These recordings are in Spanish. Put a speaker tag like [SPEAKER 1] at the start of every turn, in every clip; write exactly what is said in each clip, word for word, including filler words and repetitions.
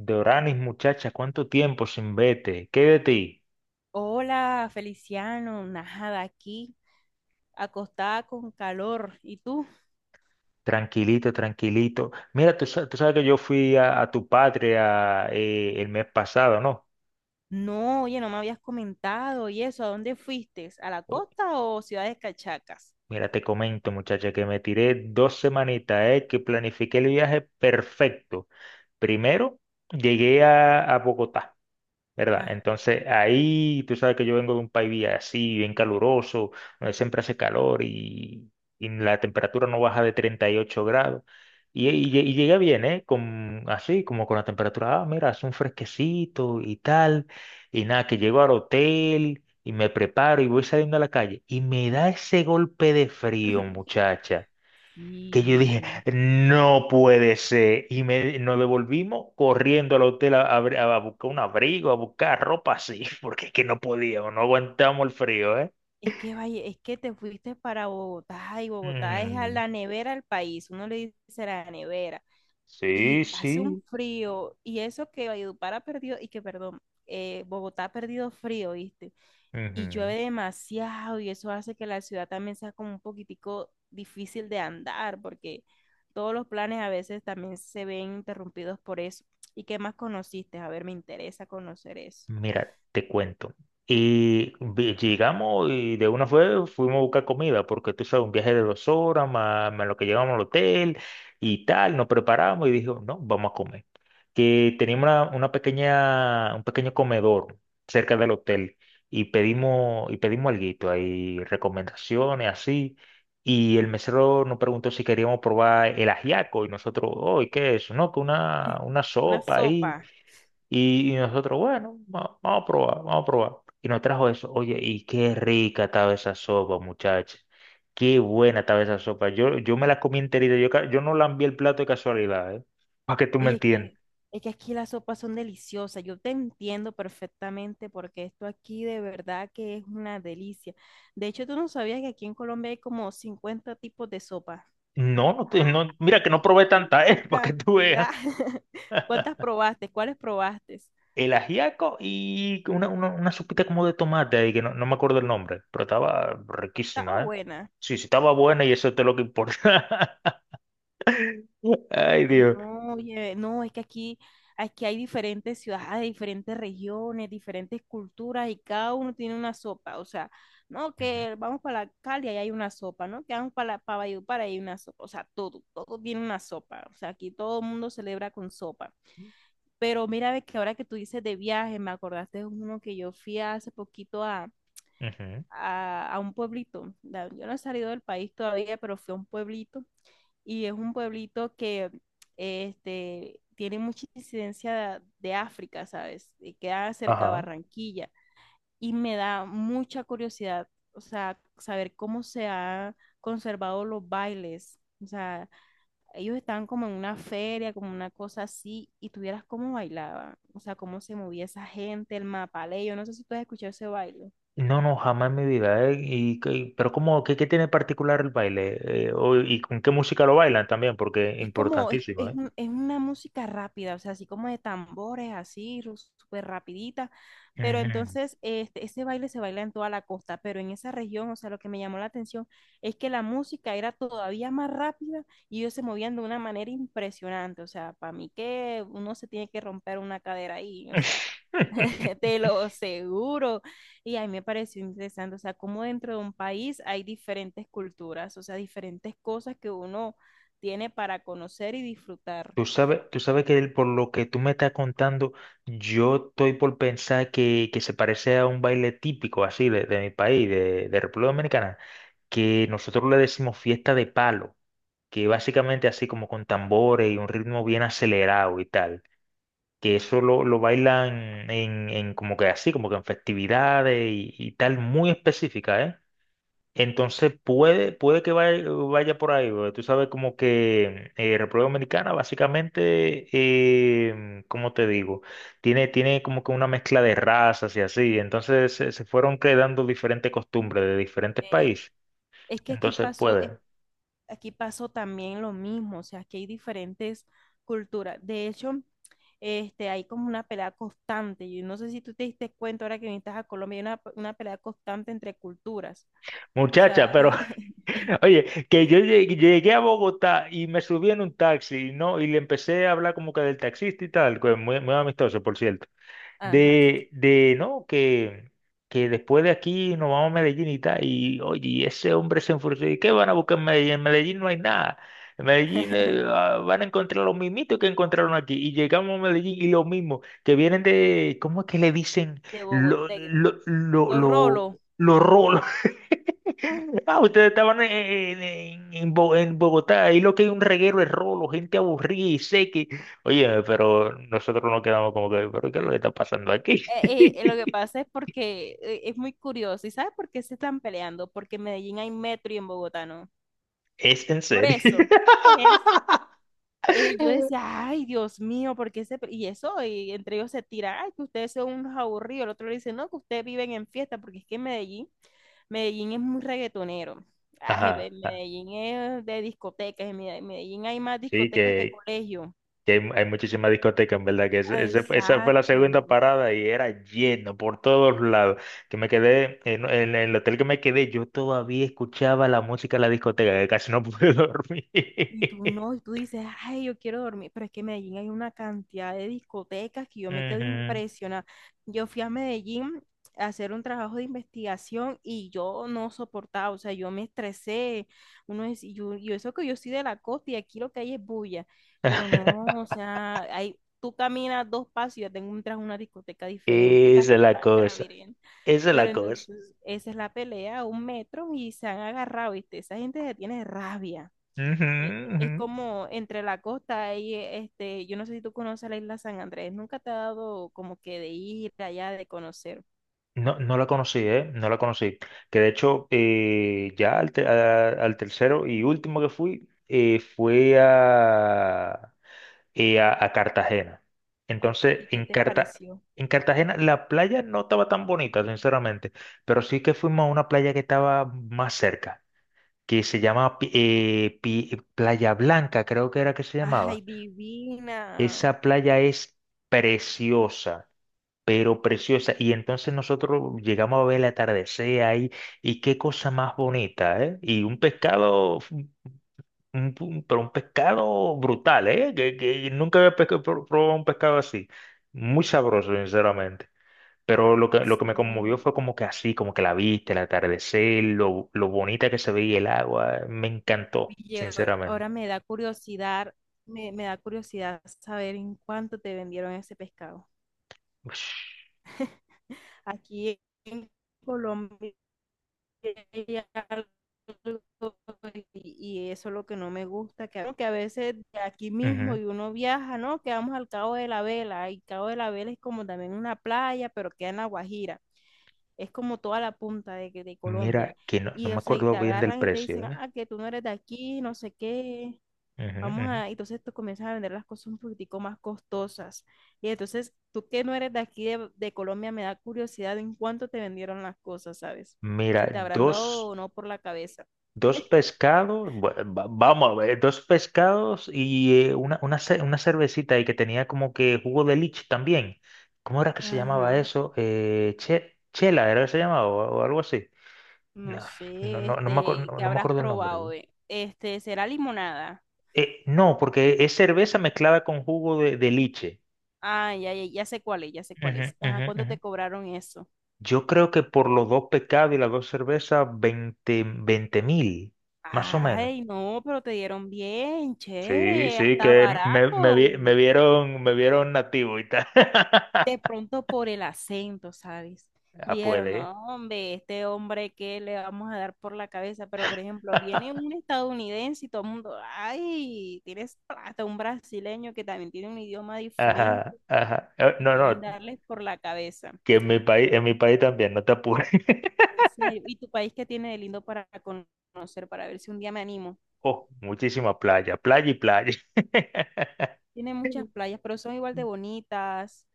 [SPEAKER 1] Doranis, muchacha, ¿cuánto tiempo sin vete? ¿Qué de ti?
[SPEAKER 2] Hola, Feliciano, nada, aquí, acostada con calor. ¿Y tú?
[SPEAKER 1] Tranquilito, tranquilito. Mira, tú, sa- tú sabes que yo fui a, a tu patria eh, el mes pasado, ¿no?
[SPEAKER 2] No, oye, no me habías comentado y eso, ¿a dónde fuiste? ¿A la
[SPEAKER 1] Pues,
[SPEAKER 2] costa o ciudades cachacas?
[SPEAKER 1] mira, te comento, muchacha, que me tiré dos semanitas, eh, que planifiqué el viaje perfecto. Primero, llegué a, a Bogotá. ¿Verdad?
[SPEAKER 2] Ah,
[SPEAKER 1] Entonces ahí tú sabes que yo vengo de un país así, bien caluroso, donde siempre hace calor y, y la temperatura no baja de treinta y ocho grados. Y, y, lle- y llegué bien, ¿eh? Con, así, como con la temperatura, ah, mira, hace un fresquecito y tal. Y nada, que llego al hotel y me preparo y voy saliendo a la calle. Y me da ese golpe de frío, muchacha, que yo dije,
[SPEAKER 2] sí.
[SPEAKER 1] no puede ser. Y me, nos devolvimos corriendo al hotel a, a- a buscar un abrigo, a buscar ropa así, porque es que no podíamos, no aguantamos el frío, ¿eh?
[SPEAKER 2] Es que vaya, es que te fuiste para Bogotá y Bogotá es a
[SPEAKER 1] Mm,
[SPEAKER 2] la nevera del país, uno le dice la nevera. Y
[SPEAKER 1] sí,
[SPEAKER 2] hace un
[SPEAKER 1] sí.
[SPEAKER 2] frío, y eso que Valledupar ha perdido, y que perdón, eh, Bogotá ha perdido frío, ¿viste? Y llueve
[SPEAKER 1] Ujú.
[SPEAKER 2] demasiado y eso hace que la ciudad también sea como un poquitico difícil de andar porque todos los planes a veces también se ven interrumpidos por eso. ¿Y qué más conociste? A ver, me interesa conocer eso.
[SPEAKER 1] Mira, te cuento. Y vi- llegamos y de una fue fuimos a buscar comida, porque tú sabes, un viaje de dos horas, más, más lo que llegamos al hotel y tal, nos preparamos y dijo, no, vamos a comer. Que teníamos una, una pequeña, un pequeño comedor cerca del hotel y pedimos, y pedimos alguito, hay recomendaciones así. Y el mesero nos preguntó si queríamos probar el ajiaco y nosotros, oh, ¿y qué es eso? No, que una, una
[SPEAKER 2] La
[SPEAKER 1] sopa
[SPEAKER 2] sopa.
[SPEAKER 1] ahí y, y nosotros, bueno, va- vamos a probar, vamos a probar. Y nos trajo eso. Oye, y qué rica estaba esa sopa, muchachos. Qué buena estaba esa sopa. Yo, yo me la comí enterita. Yo, ca- yo no lambí el plato de casualidad, ¿eh? Para que tú me
[SPEAKER 2] Oye, es
[SPEAKER 1] entiendas.
[SPEAKER 2] que, es que aquí las sopas son deliciosas. Yo te entiendo perfectamente porque esto aquí de verdad que es una delicia. De hecho, tú no sabías que aquí en Colombia hay como cincuenta tipos de sopa.
[SPEAKER 1] No, no, te- no, mira que
[SPEAKER 2] Y
[SPEAKER 1] no
[SPEAKER 2] hay
[SPEAKER 1] probé tanta,
[SPEAKER 2] una
[SPEAKER 1] ¿eh? Para que tú veas.
[SPEAKER 2] cantidad. ¿Cuántas probaste? ¿Cuáles probaste?
[SPEAKER 1] El ajiaco y una, una, una sopita como de tomate ahí, que no, no me acuerdo el nombre, pero estaba
[SPEAKER 2] Estaba
[SPEAKER 1] riquísima, ¿eh?
[SPEAKER 2] buena.
[SPEAKER 1] Sí, sí, estaba buena y eso es lo que importa. Ay,
[SPEAKER 2] Yo,
[SPEAKER 1] Dios.
[SPEAKER 2] No, oye, no, es que aquí, aquí hay diferentes ciudades, diferentes regiones, diferentes culturas y cada uno tiene una sopa. O sea, no,
[SPEAKER 1] Ujú,
[SPEAKER 2] que vamos para la Cali y hay una sopa, ¿no? Que vamos para la, para Valledupar y hay una sopa. O sea, todo, todo tiene una sopa. O sea, aquí todo el mundo celebra con sopa. Pero mira, ve que ahora que tú dices de viaje, me acordaste de uno que yo fui hace poquito
[SPEAKER 1] ujú.
[SPEAKER 2] a, a un pueblito. La- Yo no he salido del país todavía, pero fui a un pueblito y es un pueblito que este, tiene mucha incidencia de, de África, ¿sabes? Y queda cerca de
[SPEAKER 1] Ajá.
[SPEAKER 2] Barranquilla y me da mucha curiosidad, o sea, saber cómo se han conservado los bailes. O sea, ellos estaban como en una feria, como una cosa así, y tuvieras cómo bailaban, o sea, cómo se movía esa gente, el mapalé, yo no sé si tú has escuchado ese baile.
[SPEAKER 1] No, no, jamás en mi vida. ¿Eh? Y, que- pero ¿cómo, qué, qué tiene particular el baile? Eh, o- ¿y con qué música lo bailan también? Porque es
[SPEAKER 2] Es como, es,
[SPEAKER 1] importantísimo,
[SPEAKER 2] es
[SPEAKER 1] ¿eh?
[SPEAKER 2] un- es una música rápida, o sea, así como de tambores, así, ru- súper rapidita, pero
[SPEAKER 1] Ujú.
[SPEAKER 2] entonces este, ese baile se baila en toda la costa, pero en esa región, o sea, lo que me llamó la atención es que la música era todavía más rápida y ellos se movían de una manera impresionante, o sea, para mí que uno se tiene que romper una cadera ahí, o sea, te lo seguro. Y a mí me pareció interesante, o sea, cómo dentro de un país hay diferentes culturas, o sea, diferentes cosas que uno tiene para conocer y disfrutar.
[SPEAKER 1] Tú sabes, tú sabes que el- por lo que tú me estás contando, yo estoy por pensar que, que se parece a un baile típico así de, de mi país, de, de República Dominicana, que nosotros le decimos fiesta de palo, que básicamente así como con tambores y un ritmo bien acelerado y tal, que eso lo, lo bailan en, en como que así, como que en festividades y, y tal, muy específica, ¿eh? Entonces puede, puede que vaya, vaya por ahí, porque tú sabes como que eh, República Dominicana básicamente, eh, ¿cómo te digo? Tiene, tiene como que una mezcla de razas y así, entonces se, se fueron creando diferentes costumbres de diferentes
[SPEAKER 2] Eh,
[SPEAKER 1] países,
[SPEAKER 2] es que aquí
[SPEAKER 1] entonces
[SPEAKER 2] pasó, es-
[SPEAKER 1] puede.
[SPEAKER 2] aquí pasó también lo mismo, o sea, aquí hay diferentes culturas. De hecho, este, hay como una pelea constante. Yo no sé si tú te diste cuenta ahora que viniste a Colombia, hay una, una pelea constante entre culturas. O
[SPEAKER 1] Muchacha,
[SPEAKER 2] sea,
[SPEAKER 1] pero Oye, que yo llegué, llegué a Bogotá y me subí en un taxi, ¿no? Y le empecé a hablar como que del taxista y tal, que muy, muy amistoso, por cierto,
[SPEAKER 2] ajá,
[SPEAKER 1] de, de no, que, que después de aquí nos vamos a Medellín y tal, y oye, y ese hombre se enfureció. ¿Y qué van a buscar en Medellín? En Medellín no hay nada. En Medellín eh, ah, van a encontrar los mismitos que encontraron aquí. Y llegamos a Medellín y lo mismo, que vienen de, ¿cómo es que le dicen?
[SPEAKER 2] de
[SPEAKER 1] Lo,
[SPEAKER 2] Bogotá,
[SPEAKER 1] lo, lo,
[SPEAKER 2] los
[SPEAKER 1] lo,
[SPEAKER 2] rolos.
[SPEAKER 1] lo rolo. Ah, ustedes estaban en, en- en Bo- en Bogotá, ahí lo que hay un reguero de rolo, gente aburrida y seca. Oye, pero nosotros nos quedamos como que, ¿pero qué es lo que está pasando aquí?
[SPEAKER 2] Eh, eh, lo que pasa es porque eh, es muy curioso. ¿Y sabes por qué se están peleando? Porque en Medellín hay metro y en Bogotá no.
[SPEAKER 1] Es en
[SPEAKER 2] Por
[SPEAKER 1] serio.
[SPEAKER 2] eso. Es eso. Eh, yo decía, ay, Dios mío, ¿por qué se pe-?" Y eso, y entre ellos se tira, ay, que ustedes son unos aburridos. El otro le dice, no, que ustedes viven en fiesta, porque es que en Medellín, Medellín es muy reggaetonero. Ay, ve,
[SPEAKER 1] Ajá, ajá.
[SPEAKER 2] Medellín es de discotecas, en Mede- Medellín hay más
[SPEAKER 1] Sí,
[SPEAKER 2] discotecas que
[SPEAKER 1] que,
[SPEAKER 2] colegio.
[SPEAKER 1] que hay, hay muchísimas discotecas, en verdad, que
[SPEAKER 2] Ah,
[SPEAKER 1] ese- ese fue- esa fue la segunda
[SPEAKER 2] exacto.
[SPEAKER 1] parada y era lleno por todos lados. Que me quedé, en, en el hotel que me quedé, yo todavía escuchaba la música de la discoteca, que casi no pude dormir.
[SPEAKER 2] Y tú no, y tú dices, ay, yo quiero dormir, pero es que en Medellín hay una cantidad de discotecas que yo me quedo
[SPEAKER 1] Ujú.
[SPEAKER 2] impresionada. Yo fui a Medellín a hacer un trabajo de investigación y yo no soportaba, o sea, yo me estresé. Uno es, y yo, y eso que yo soy de la costa y aquí lo que hay es bulla, pero no, o sea, hay, tú caminas dos pasos y ya tengo entras una discoteca diferente y las
[SPEAKER 1] Esa
[SPEAKER 2] que
[SPEAKER 1] es la
[SPEAKER 2] están
[SPEAKER 1] cosa,
[SPEAKER 2] craviren.
[SPEAKER 1] esa es
[SPEAKER 2] Pero
[SPEAKER 1] la cosa.
[SPEAKER 2] entonces, esa es la pelea, un metro y se han agarrado, ¿viste? Esa gente se tiene rabia
[SPEAKER 1] Ujú,
[SPEAKER 2] eh, es
[SPEAKER 1] ujú.
[SPEAKER 2] como entre la costa y eh, este, yo no sé si tú conoces la isla San Andrés, nunca te ha dado como que de ir allá, de conocer.
[SPEAKER 1] No, no la conocí, ¿eh? No la conocí. Que de hecho, eh, ya al, te- a- al tercero y último que fui, eh, fue a, eh, a, a Cartagena. Entonces,
[SPEAKER 2] ¿Y qué
[SPEAKER 1] en
[SPEAKER 2] te
[SPEAKER 1] Carta,
[SPEAKER 2] pareció?
[SPEAKER 1] en Cartagena la playa no estaba tan bonita, sinceramente, pero sí que fuimos a una playa que estaba más cerca, que se llama Pi- eh, Pi- Playa Blanca, creo que era que se
[SPEAKER 2] Ay,
[SPEAKER 1] llamaba.
[SPEAKER 2] divina.
[SPEAKER 1] Esa playa es preciosa, pero preciosa. Y entonces nosotros llegamos a ver el atardecer ahí, y qué cosa más bonita, ¿eh? Y un pescado, un- un- pero un pescado brutal, ¿eh? Que, que nunca había pesca- pro- probado un pescado así. Muy sabroso, sinceramente. Pero lo que, lo que me conmovió
[SPEAKER 2] Sí,
[SPEAKER 1] fue como que así, como que la vista, el atardecer, lo, lo bonita que se veía el agua. Eh, Me encantó,
[SPEAKER 2] oye, ahora, ahora,
[SPEAKER 1] sinceramente.
[SPEAKER 2] me da curiosidad, me, me da curiosidad saber en cuánto te vendieron ese pescado.
[SPEAKER 1] Ush,
[SPEAKER 2] Aquí en Colombia hay algo, y, y eso es lo que no me gusta, que, que a veces de aquí mismo
[SPEAKER 1] ujú.
[SPEAKER 2] y uno viaja, ¿no? Que vamos al Cabo de la Vela, y Cabo de la Vela es como también una playa, pero queda en La Guajira, es como toda la punta de, de Colombia,
[SPEAKER 1] Mira, que no, no
[SPEAKER 2] y
[SPEAKER 1] me
[SPEAKER 2] o sea, y te
[SPEAKER 1] acuerdo bien del
[SPEAKER 2] agarran y te dicen,
[SPEAKER 1] precio, ¿eh?
[SPEAKER 2] ah, que tú no eres de aquí, no sé qué.
[SPEAKER 1] Ujú,
[SPEAKER 2] Vamos
[SPEAKER 1] ujú.
[SPEAKER 2] a, entonces tú comienzas a vender las cosas un poquitico más costosas. Y entonces, tú que no eres de aquí de, de Colombia, me da curiosidad en cuánto te vendieron las cosas, ¿sabes?
[SPEAKER 1] Mira,
[SPEAKER 2] Si te habrán dado
[SPEAKER 1] dos.
[SPEAKER 2] o no por la cabeza.
[SPEAKER 1] Dos pescados, bue- va- vamos a ver, dos pescados y eh, una, una, ce- una cervecita y que tenía como que jugo de lich también. ¿Cómo era que se llamaba
[SPEAKER 2] Ajá.
[SPEAKER 1] eso? Eh, che- chela, ¿era que se llamaba o, o algo así?
[SPEAKER 2] No
[SPEAKER 1] No, no,
[SPEAKER 2] sé,
[SPEAKER 1] no, no me acuerdo,
[SPEAKER 2] este,
[SPEAKER 1] no,
[SPEAKER 2] ¿qué
[SPEAKER 1] no me
[SPEAKER 2] habrás
[SPEAKER 1] acuerdo el nombre. ¿Eh?
[SPEAKER 2] probado? ¿Eh? Este, ¿será limonada?
[SPEAKER 1] Eh, no, porque es cerveza mezclada con jugo de, de liche.
[SPEAKER 2] Ah, ya, ya, ya sé cuál es, ya sé cuál
[SPEAKER 1] Ujú,
[SPEAKER 2] es. Ajá,
[SPEAKER 1] ujú,
[SPEAKER 2] ¿cuánto
[SPEAKER 1] ujú.
[SPEAKER 2] te cobraron eso?
[SPEAKER 1] Yo creo que por los dos pescados y las dos cervezas, veinte mil, más o menos.
[SPEAKER 2] Ay, no, pero te dieron bien,
[SPEAKER 1] Sí,
[SPEAKER 2] chévere,
[SPEAKER 1] sí,
[SPEAKER 2] hasta
[SPEAKER 1] que me, me
[SPEAKER 2] barato.
[SPEAKER 1] vi- me vieron, me vieron nativo y tal.
[SPEAKER 2] De pronto por el acento, ¿sabes?
[SPEAKER 1] Ah,
[SPEAKER 2] Dijeron, no,
[SPEAKER 1] puede.
[SPEAKER 2] hombre, este hombre que le vamos a dar por la cabeza, pero por ejemplo, viene un estadounidense y todo el mundo, ay, tienes plata, un brasileño que también tiene un idioma diferente
[SPEAKER 1] Ajá, ajá. Eh,
[SPEAKER 2] y
[SPEAKER 1] No,
[SPEAKER 2] quieren
[SPEAKER 1] no,
[SPEAKER 2] darles por la cabeza.
[SPEAKER 1] que en mi país, en mi país también, no te apures.
[SPEAKER 2] En serio, ¿y tu país qué tiene de lindo para conocer, para ver si un día me animo?
[SPEAKER 1] Oh, muchísima playa, playa y playa.
[SPEAKER 2] Tiene muchas playas, pero son igual de bonitas.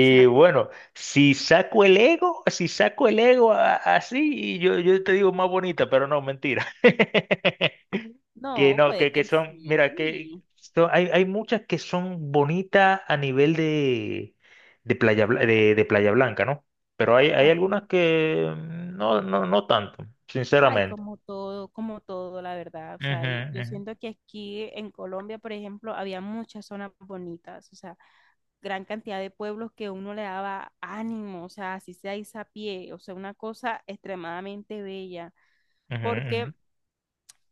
[SPEAKER 2] O sea,
[SPEAKER 1] bueno, si saco el ego, si saco el ego a- así, yo, yo te digo más bonita, pero no, mentira. Que
[SPEAKER 2] no,
[SPEAKER 1] no,
[SPEAKER 2] puede
[SPEAKER 1] que, que
[SPEAKER 2] que
[SPEAKER 1] son, mira, que
[SPEAKER 2] sí.
[SPEAKER 1] son- hay, hay muchas que son bonitas a nivel de, de Playa, Bla- de, de Playa Blanca, ¿no? Pero hay, hay
[SPEAKER 2] Ajá.
[SPEAKER 1] algunas que mm, no, no, no tanto,
[SPEAKER 2] Ay,
[SPEAKER 1] sinceramente.
[SPEAKER 2] como todo, como todo, la verdad. O sea,
[SPEAKER 1] Ujú,
[SPEAKER 2] yo, yo
[SPEAKER 1] ujú,
[SPEAKER 2] siento que aquí en Colombia, por ejemplo, había muchas zonas bonitas, o sea, gran cantidad de pueblos que uno le daba ánimo, o sea, así sea pie, o sea, una cosa extremadamente bella,
[SPEAKER 1] ujú,
[SPEAKER 2] porque
[SPEAKER 1] ujú.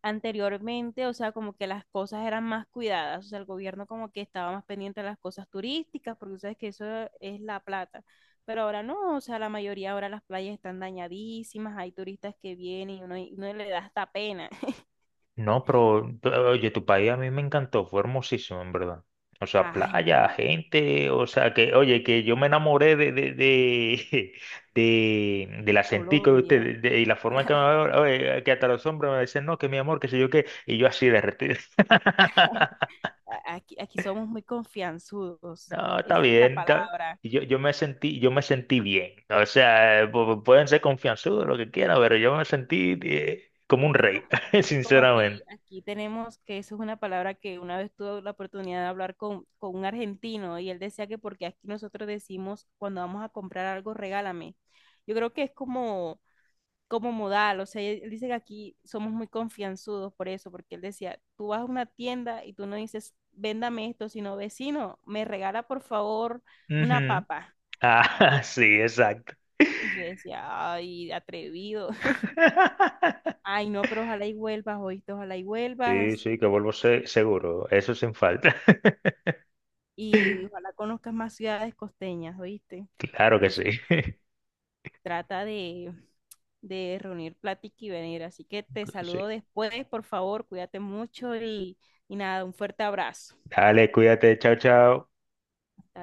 [SPEAKER 2] anteriormente, o sea, como que las cosas eran más cuidadas, o sea, el gobierno como que estaba más pendiente de las cosas turísticas, porque sabes que eso es la plata, pero ahora no, o sea, la mayoría ahora las playas están dañadísimas, hay turistas que vienen y uno, y uno le da hasta pena.
[SPEAKER 1] No, pero pero, oye, tu país a mí me encantó, fue hermosísimo, en verdad. O sea,
[SPEAKER 2] Ay,
[SPEAKER 1] playa, gente, o sea, que, oye, que yo me enamoré de, de, de, de- del
[SPEAKER 2] de
[SPEAKER 1] acentico de
[SPEAKER 2] Colombia.
[SPEAKER 1] ustedes, de- y la forma en que me hablaban, oye, que hasta los hombres me decían, no, que mi amor, que sé yo qué, y yo así derretido.
[SPEAKER 2] Ah, a- aquí, aquí somos muy confianzudos,
[SPEAKER 1] No, está
[SPEAKER 2] esa es la
[SPEAKER 1] bien, está-
[SPEAKER 2] palabra.
[SPEAKER 1] y Yo, yo me sentí, yo me sentí bien. O sea, eh, pu- pueden ser confianzudos, lo que quieran, pero yo me sentí eh, como un
[SPEAKER 2] Es
[SPEAKER 1] rey,
[SPEAKER 2] como, es como aquí,
[SPEAKER 1] sinceramente.
[SPEAKER 2] aquí tenemos que eso es una palabra que una vez tuve la oportunidad de hablar con, con un argentino y él decía que porque aquí nosotros decimos cuando vamos a comprar algo, regálame. Yo creo que es como, como modal, o sea, él dice que aquí somos muy confianzudos por eso, porque él decía, tú vas a una tienda y tú no dices, véndame esto, sino vecino, me regala por favor una
[SPEAKER 1] Ujú.
[SPEAKER 2] papa.
[SPEAKER 1] Ah, sí, exacto.
[SPEAKER 2] Y yo decía, ay, atrevido. Ay, no, pero ojalá y vuelvas, oíste, ojalá y
[SPEAKER 1] Sí,
[SPEAKER 2] vuelvas.
[SPEAKER 1] sí, que vuelvo se- seguro. Eso sin falta.
[SPEAKER 2] Y ojalá conozcas más ciudades costeñas, ¿oíste?
[SPEAKER 1] Claro que sí.
[SPEAKER 2] Entonces, trata de, de, reunir plática y venir. Así que te saludo
[SPEAKER 1] Sí.
[SPEAKER 2] después, por favor, cuídate mucho y, y nada, un fuerte abrazo.
[SPEAKER 1] Dale, cuídate. Chao, chao.
[SPEAKER 2] Hasta